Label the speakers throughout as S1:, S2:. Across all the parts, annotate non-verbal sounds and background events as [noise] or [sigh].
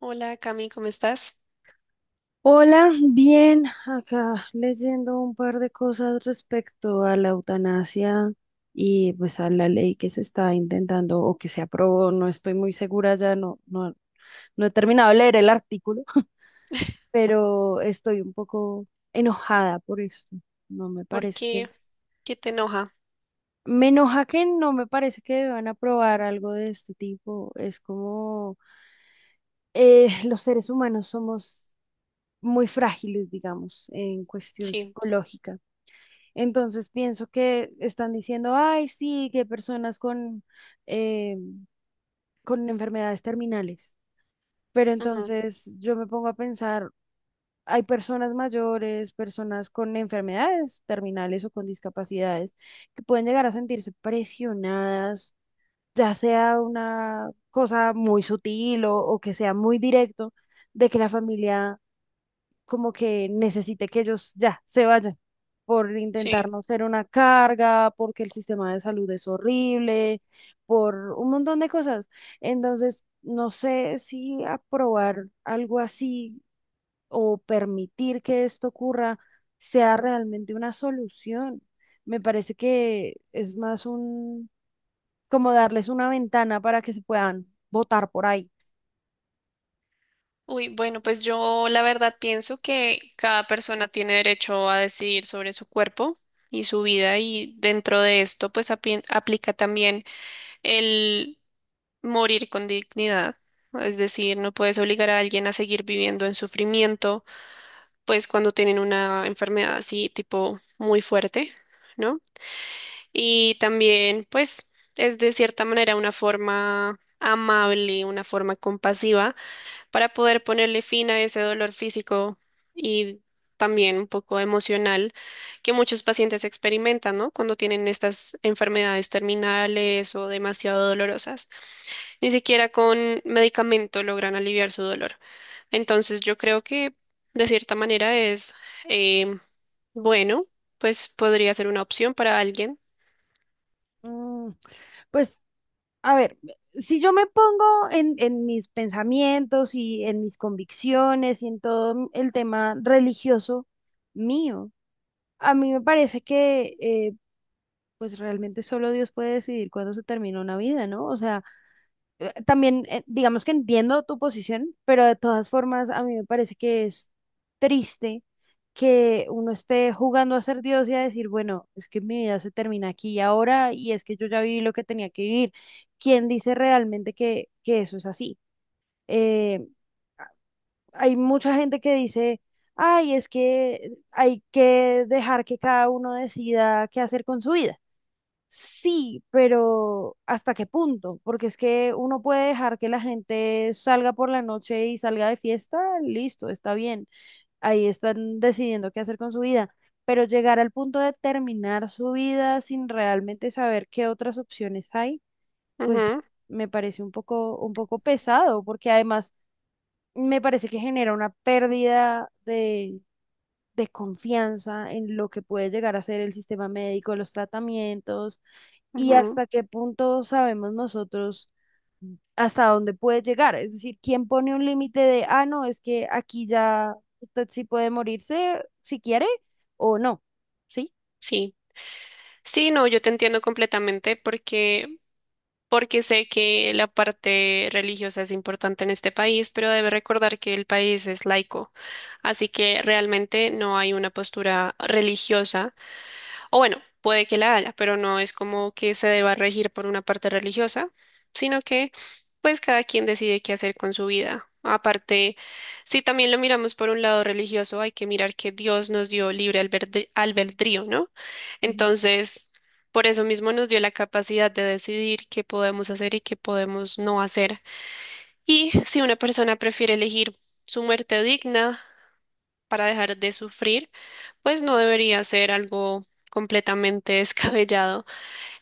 S1: Hola Cami, ¿cómo estás?
S2: Hola, bien, acá leyendo un par de cosas respecto a la eutanasia y pues a la ley que se está intentando o que se aprobó, no estoy muy segura ya, no, no, no he terminado de leer el artículo, [laughs] pero estoy un poco enojada por esto. No me
S1: ¿Por
S2: parece que,
S1: qué? ¿Qué te enoja?
S2: me enoja que no me parece que deban aprobar algo de este tipo. Es como los seres humanos somos muy frágiles, digamos, en cuestión
S1: Sí,
S2: psicológica. Entonces pienso que están diciendo, ay, sí, que personas eh, con enfermedades terminales. Pero
S1: ujú,
S2: entonces yo me pongo a pensar, hay personas mayores, personas con enfermedades terminales o con discapacidades que pueden llegar a sentirse presionadas, ya sea una cosa muy sutil o que sea muy directo, de que la familia como que necesite que ellos ya se vayan por intentar
S1: sí.
S2: no ser una carga, porque el sistema de salud es horrible, por un montón de cosas. Entonces, no sé si aprobar algo así o permitir que esto ocurra sea realmente una solución. Me parece que es más un, como darles una ventana para que se puedan votar por ahí.
S1: Uy, bueno, pues yo la verdad pienso que cada persona tiene derecho a decidir sobre su cuerpo y su vida y dentro de esto pues aplica también el morir con dignidad. Es decir, no puedes obligar a alguien a seguir viviendo en sufrimiento, pues cuando tienen una enfermedad así tipo muy fuerte, ¿no? Y también, pues, es de cierta manera una forma amable, una forma compasiva para poder ponerle fin a ese dolor físico y también un poco emocional que muchos pacientes experimentan, ¿no? Cuando tienen estas enfermedades terminales o demasiado dolorosas. Ni siquiera con medicamento logran aliviar su dolor. Entonces, yo creo que de cierta manera eh, bueno, pues podría ser una opción para alguien.
S2: Mm, pues a ver, si yo me pongo en mis pensamientos y en mis convicciones y en todo el tema religioso mío, a mí me parece que pues realmente solo Dios puede decidir cuándo se termina una vida, ¿no? O sea, también, digamos que entiendo tu posición, pero de todas formas, a mí me parece que es triste que uno esté jugando a ser Dios y a decir, bueno, es que mi vida se termina aquí y ahora, y es que yo ya viví lo que tenía que vivir. ¿Quién dice realmente que eso es así? Eh, hay mucha gente que dice, ay, es que hay que dejar que cada uno decida qué hacer con su vida. Sí, pero ¿hasta qué punto? Porque es que uno puede dejar que la gente salga por la noche y salga de fiesta, listo, está bien. Ahí están decidiendo qué hacer con su vida. Pero llegar al punto de terminar su vida sin realmente saber qué otras opciones hay,
S1: Ujú,
S2: pues me parece un poco pesado, porque además me parece que genera una pérdida de confianza en lo que puede llegar a ser el sistema médico, los tratamientos y
S1: ujú,
S2: hasta qué punto sabemos nosotros hasta dónde puede llegar. Es decir, ¿quién pone un límite de, ah, no, es que aquí ya usted sí puede morirse si quiere o no? ¿Sí?
S1: sí, sí, no, yo te entiendo completamente porque sé que la parte religiosa es importante en este país, pero debe recordar que el país es laico, así que realmente no hay una postura religiosa. O bueno, puede que la haya, pero no es como que se deba regir por una parte religiosa, sino que pues cada quien decide qué hacer con su vida. Aparte, si también lo miramos por un lado religioso, hay que mirar que Dios nos dio libre albedrío, ¿no?
S2: Ujú.
S1: Entonces, por eso mismo nos dio la capacidad de decidir qué podemos hacer y qué podemos no hacer. Y si una persona prefiere elegir su muerte digna para dejar de sufrir, pues no debería ser algo completamente [laughs] descabellado.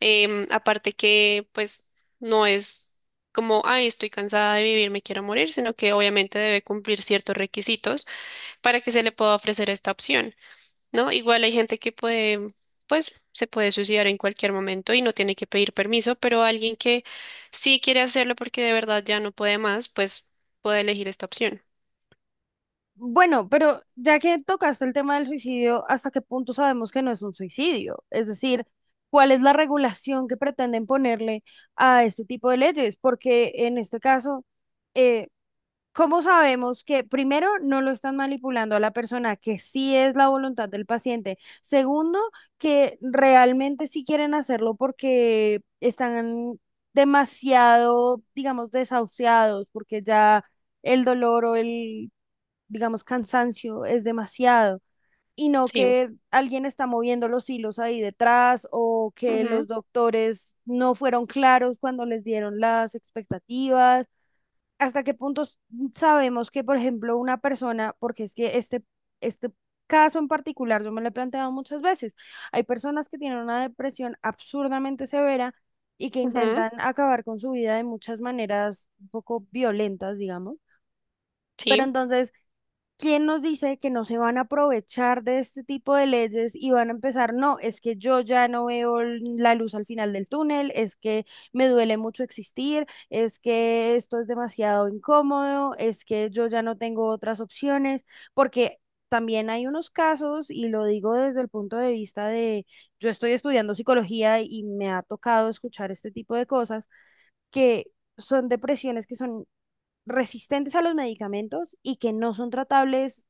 S1: Aparte que, pues, no es como, ay, estoy cansada de vivir, me quiero morir, sino que obviamente debe cumplir ciertos requisitos para que se le pueda ofrecer esta opción, ¿no? Igual hay gente que puede, pues, se puede suicidar en cualquier momento y no tiene que pedir permiso, pero alguien que sí quiere hacerlo porque de verdad ya no puede más, pues puede elegir esta opción.
S2: Bueno, pero ya que tocaste el tema del suicidio, ¿hasta qué punto sabemos que no es un suicidio? Es decir, ¿cuál es la regulación que pretenden ponerle a este tipo de leyes? Porque en este caso, eh, ¿cómo sabemos que primero no lo están manipulando a la persona, que sí es la voluntad del paciente? Segundo, que realmente sí quieren hacerlo porque están demasiado, digamos, desahuciados, porque ya el dolor o el, digamos, cansancio es demasiado. Y no
S1: Sí.
S2: que alguien está moviendo los hilos ahí detrás o que
S1: Ujú,
S2: los doctores no fueron claros cuando les dieron las expectativas, hasta qué punto sabemos que, por ejemplo, una persona, porque es que este caso en particular, yo me lo he planteado muchas veces, hay personas que tienen una depresión absurdamente severa y que
S1: ujú,
S2: intentan acabar con su vida de muchas maneras un poco violentas, digamos.
S1: sí,
S2: Pero entonces ¿quién nos dice que no se van a aprovechar de este tipo de leyes y van a empezar? No, es que yo ya no veo la luz al final del túnel, es que me duele mucho existir, es que esto es demasiado incómodo, es que yo ya no tengo otras opciones, porque también hay unos casos, y lo digo desde el punto de vista de, yo estoy estudiando psicología y me ha tocado escuchar este tipo de cosas, que son depresiones que son resistentes a los medicamentos y que no son tratables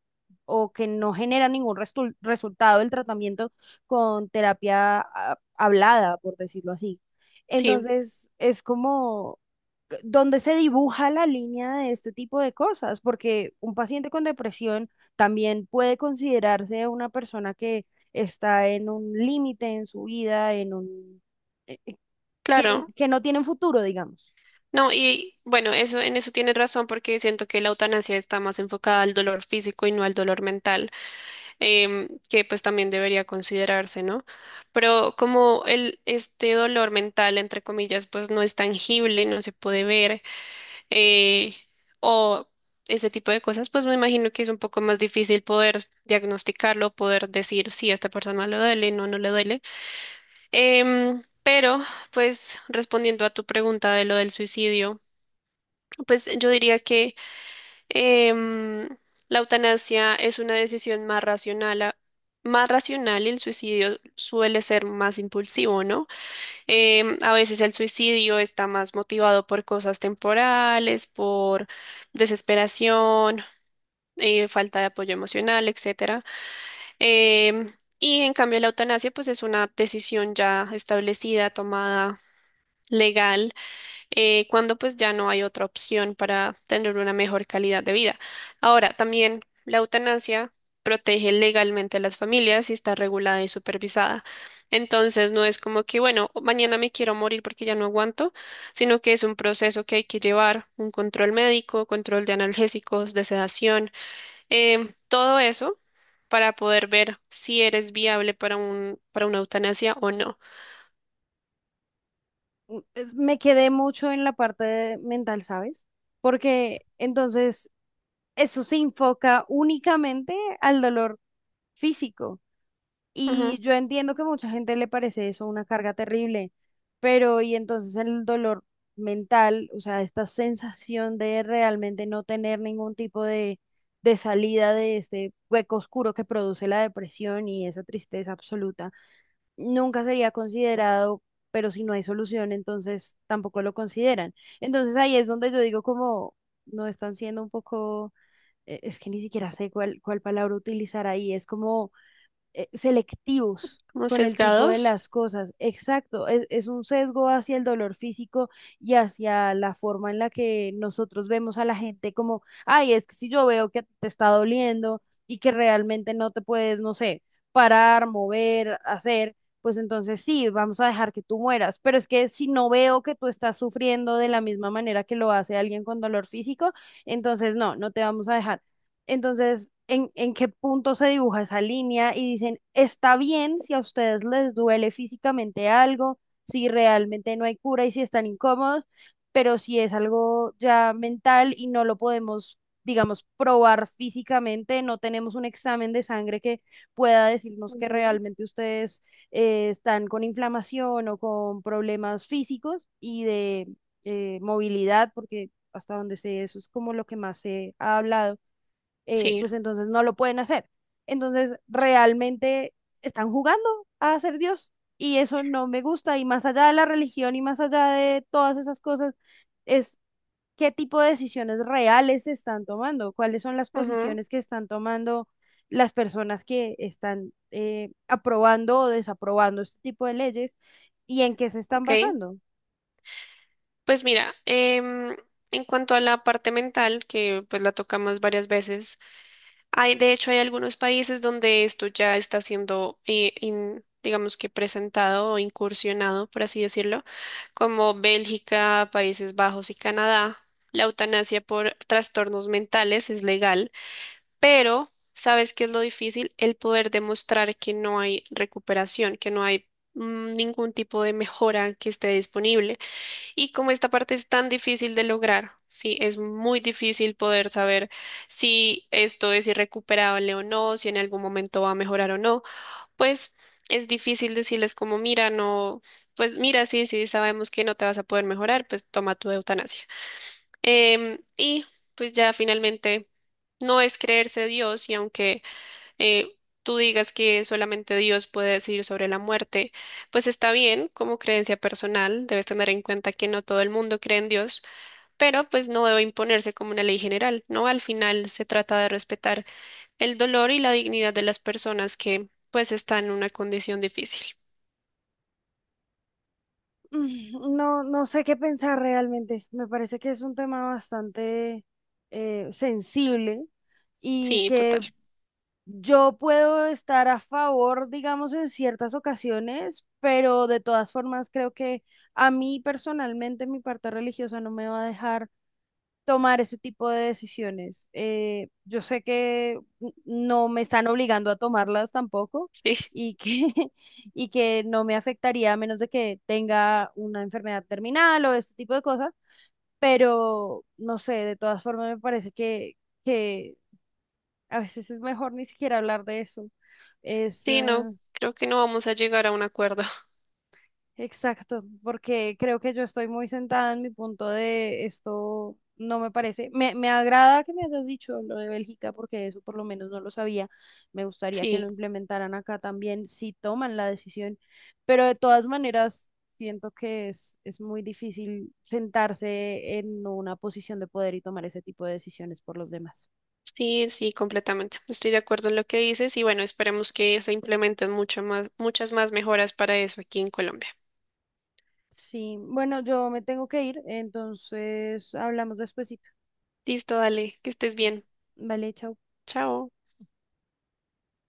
S2: o que no genera ningún resultado el tratamiento con terapia hablada, por decirlo así.
S1: sí,
S2: Entonces, es como donde se dibuja la línea de este tipo de cosas, porque un paciente con depresión también puede considerarse una persona que está en un límite en su vida, en un,
S1: claro.
S2: que no tienen futuro, digamos.
S1: No, y bueno, eso, en eso tienes razón porque siento que la eutanasia está más enfocada al dolor físico y no al dolor mental, que pues también debería considerarse, ¿no? Pero como este dolor mental, entre comillas, pues no es tangible, no se puede ver, eh, o ese tipo de cosas, pues me imagino que es un poco más difícil poder diagnosticarlo, poder decir si a esta persona le duele, no, no le duele. Em, pero, pues, respondiendo a tu pregunta de lo del suicidio. Pues yo diría que em, la eutanasia es una decisión más más racional y el suicidio suele ser más impulsivo, ¿no? A veces el suicidio está más motivado por cosas temporales, por desesperación, falta de apoyo emocional, etcétera. Em, y en cambio la eutanasia pues es una decisión ya establecida, tomada legal, cuando pues ya no hay otra opción para tener una mejor calidad de vida. Ahora, también la eutanasia protege legalmente a las familias y está regulada y supervisada. Entonces, no es como que, bueno, mañana me quiero morir porque ya no aguanto, sino que es un proceso que hay que llevar, un control médico, control de analgésicos, de sedación, todo eso para poder ver si eres viable para para una eutanasia o no.
S2: Mm, me quedé mucho en la parte de mental, ¿sabes? Porque entonces eso se enfoca únicamente al dolor físico. Y
S1: Ujú,
S2: yo entiendo que mucha gente le parece eso una carga terrible, pero y entonces el dolor mental, o sea, esta sensación de realmente no tener ningún tipo de salida de este hueco oscuro que produce la depresión y esa tristeza absoluta, nunca sería considerado, pero si no hay solución, entonces tampoco lo consideran. Entonces ahí es donde yo digo como no están siendo un poco, es que ni siquiera sé cuál palabra utilizar ahí, es como selectivos
S1: como
S2: con el tipo de
S1: sesgados.
S2: las cosas. Exacto, es un sesgo hacia el dolor físico y hacia la forma en la que nosotros vemos a la gente como, ay, es que si yo veo que te está doliendo y que realmente no te puedes, no sé, parar, mover, hacer. Pues entonces sí, vamos a dejar que tú mueras. Pero es que si no veo que tú estás sufriendo de la misma manera que lo hace alguien con dolor físico, entonces no, no te vamos a dejar. Entonces, ¿en qué punto se dibuja esa línea? Y dicen, está bien si a ustedes les duele físicamente algo, si realmente no hay cura y si están incómodos, pero si es algo ya mental y no lo podemos, digamos, probar físicamente, no tenemos un examen de sangre que pueda decirnos que
S1: Ujú.
S2: realmente ustedes están con inflamación o con problemas físicos y de movilidad, porque hasta donde sé, eso es como lo que más se ha hablado,
S1: Sí.
S2: pues entonces no lo pueden hacer. Entonces, realmente están jugando a ser Dios y eso no me gusta. Y más allá de la religión y más allá de todas esas cosas, es qué tipo de decisiones reales se están tomando, cuáles son las
S1: Ujú.
S2: posiciones que están tomando las personas que están aprobando o desaprobando este tipo de leyes y en qué se están
S1: Ok,
S2: basando.
S1: pues mira, en cuanto a la parte mental, que pues la tocamos varias veces, de hecho hay algunos países donde esto ya está siendo, digamos que presentado o incursionado, por así decirlo, como Bélgica, Países Bajos y Canadá. La eutanasia por trastornos mentales es legal, pero ¿sabes qué es lo difícil? El poder demostrar que no hay recuperación, que no hay ningún tipo de mejora que esté disponible. Y como esta parte es tan difícil de lograr, sí, es muy difícil poder saber si esto es irrecuperable o no, si en algún momento va a mejorar o no, pues es difícil decirles como, mira, no, pues mira, sí, sí, sabemos que no te vas a poder mejorar, pues toma tu eutanasia. Y pues ya finalmente no es creerse Dios y aunque eh, tú digas que solamente Dios puede decidir sobre la muerte, pues está bien como creencia personal, debes tener en cuenta que no todo el mundo cree en Dios, pero pues no debe imponerse como una ley general, ¿no? Al final se trata de respetar el dolor y la dignidad de las personas que pues están en una condición difícil.
S2: Mm, no, no sé qué pensar realmente. Me parece que es un tema bastante sensible y
S1: Sí, total.
S2: que yo puedo estar a favor, digamos, en ciertas ocasiones, pero de todas formas creo que a mí personalmente mi parte religiosa no me va a dejar tomar ese tipo de decisiones. Yo sé que no me están obligando a tomarlas tampoco
S1: Sí,
S2: y que, [laughs] y que no me afectaría a menos de que tenga una enfermedad terminal o este tipo de cosas, pero no sé, de todas formas me parece que a veces es mejor ni siquiera hablar de eso. Es, eh,
S1: sí, no, creo que no vamos a llegar a un acuerdo. [laughs]
S2: Exacto, porque creo que yo estoy muy sentada en mi punto de esto no me parece. Me agrada que me hayas dicho lo de Bélgica, porque eso por lo menos no lo sabía. Me gustaría que lo
S1: Sí.
S2: implementaran acá también, si toman la decisión. Pero de todas maneras, siento que es muy difícil sentarse en una posición de poder y tomar ese tipo de decisiones por los demás.
S1: Sí, sí, completamente. Estoy de acuerdo en lo que dices y bueno, esperemos que se implementen mucho más, muchas más mejoras para eso aquí en Colombia.
S2: Sí, bueno, yo me tengo que ir, entonces hablamos despuesito.
S1: Listo, dale, que estés bien.
S2: Vale, chao.
S1: Chao.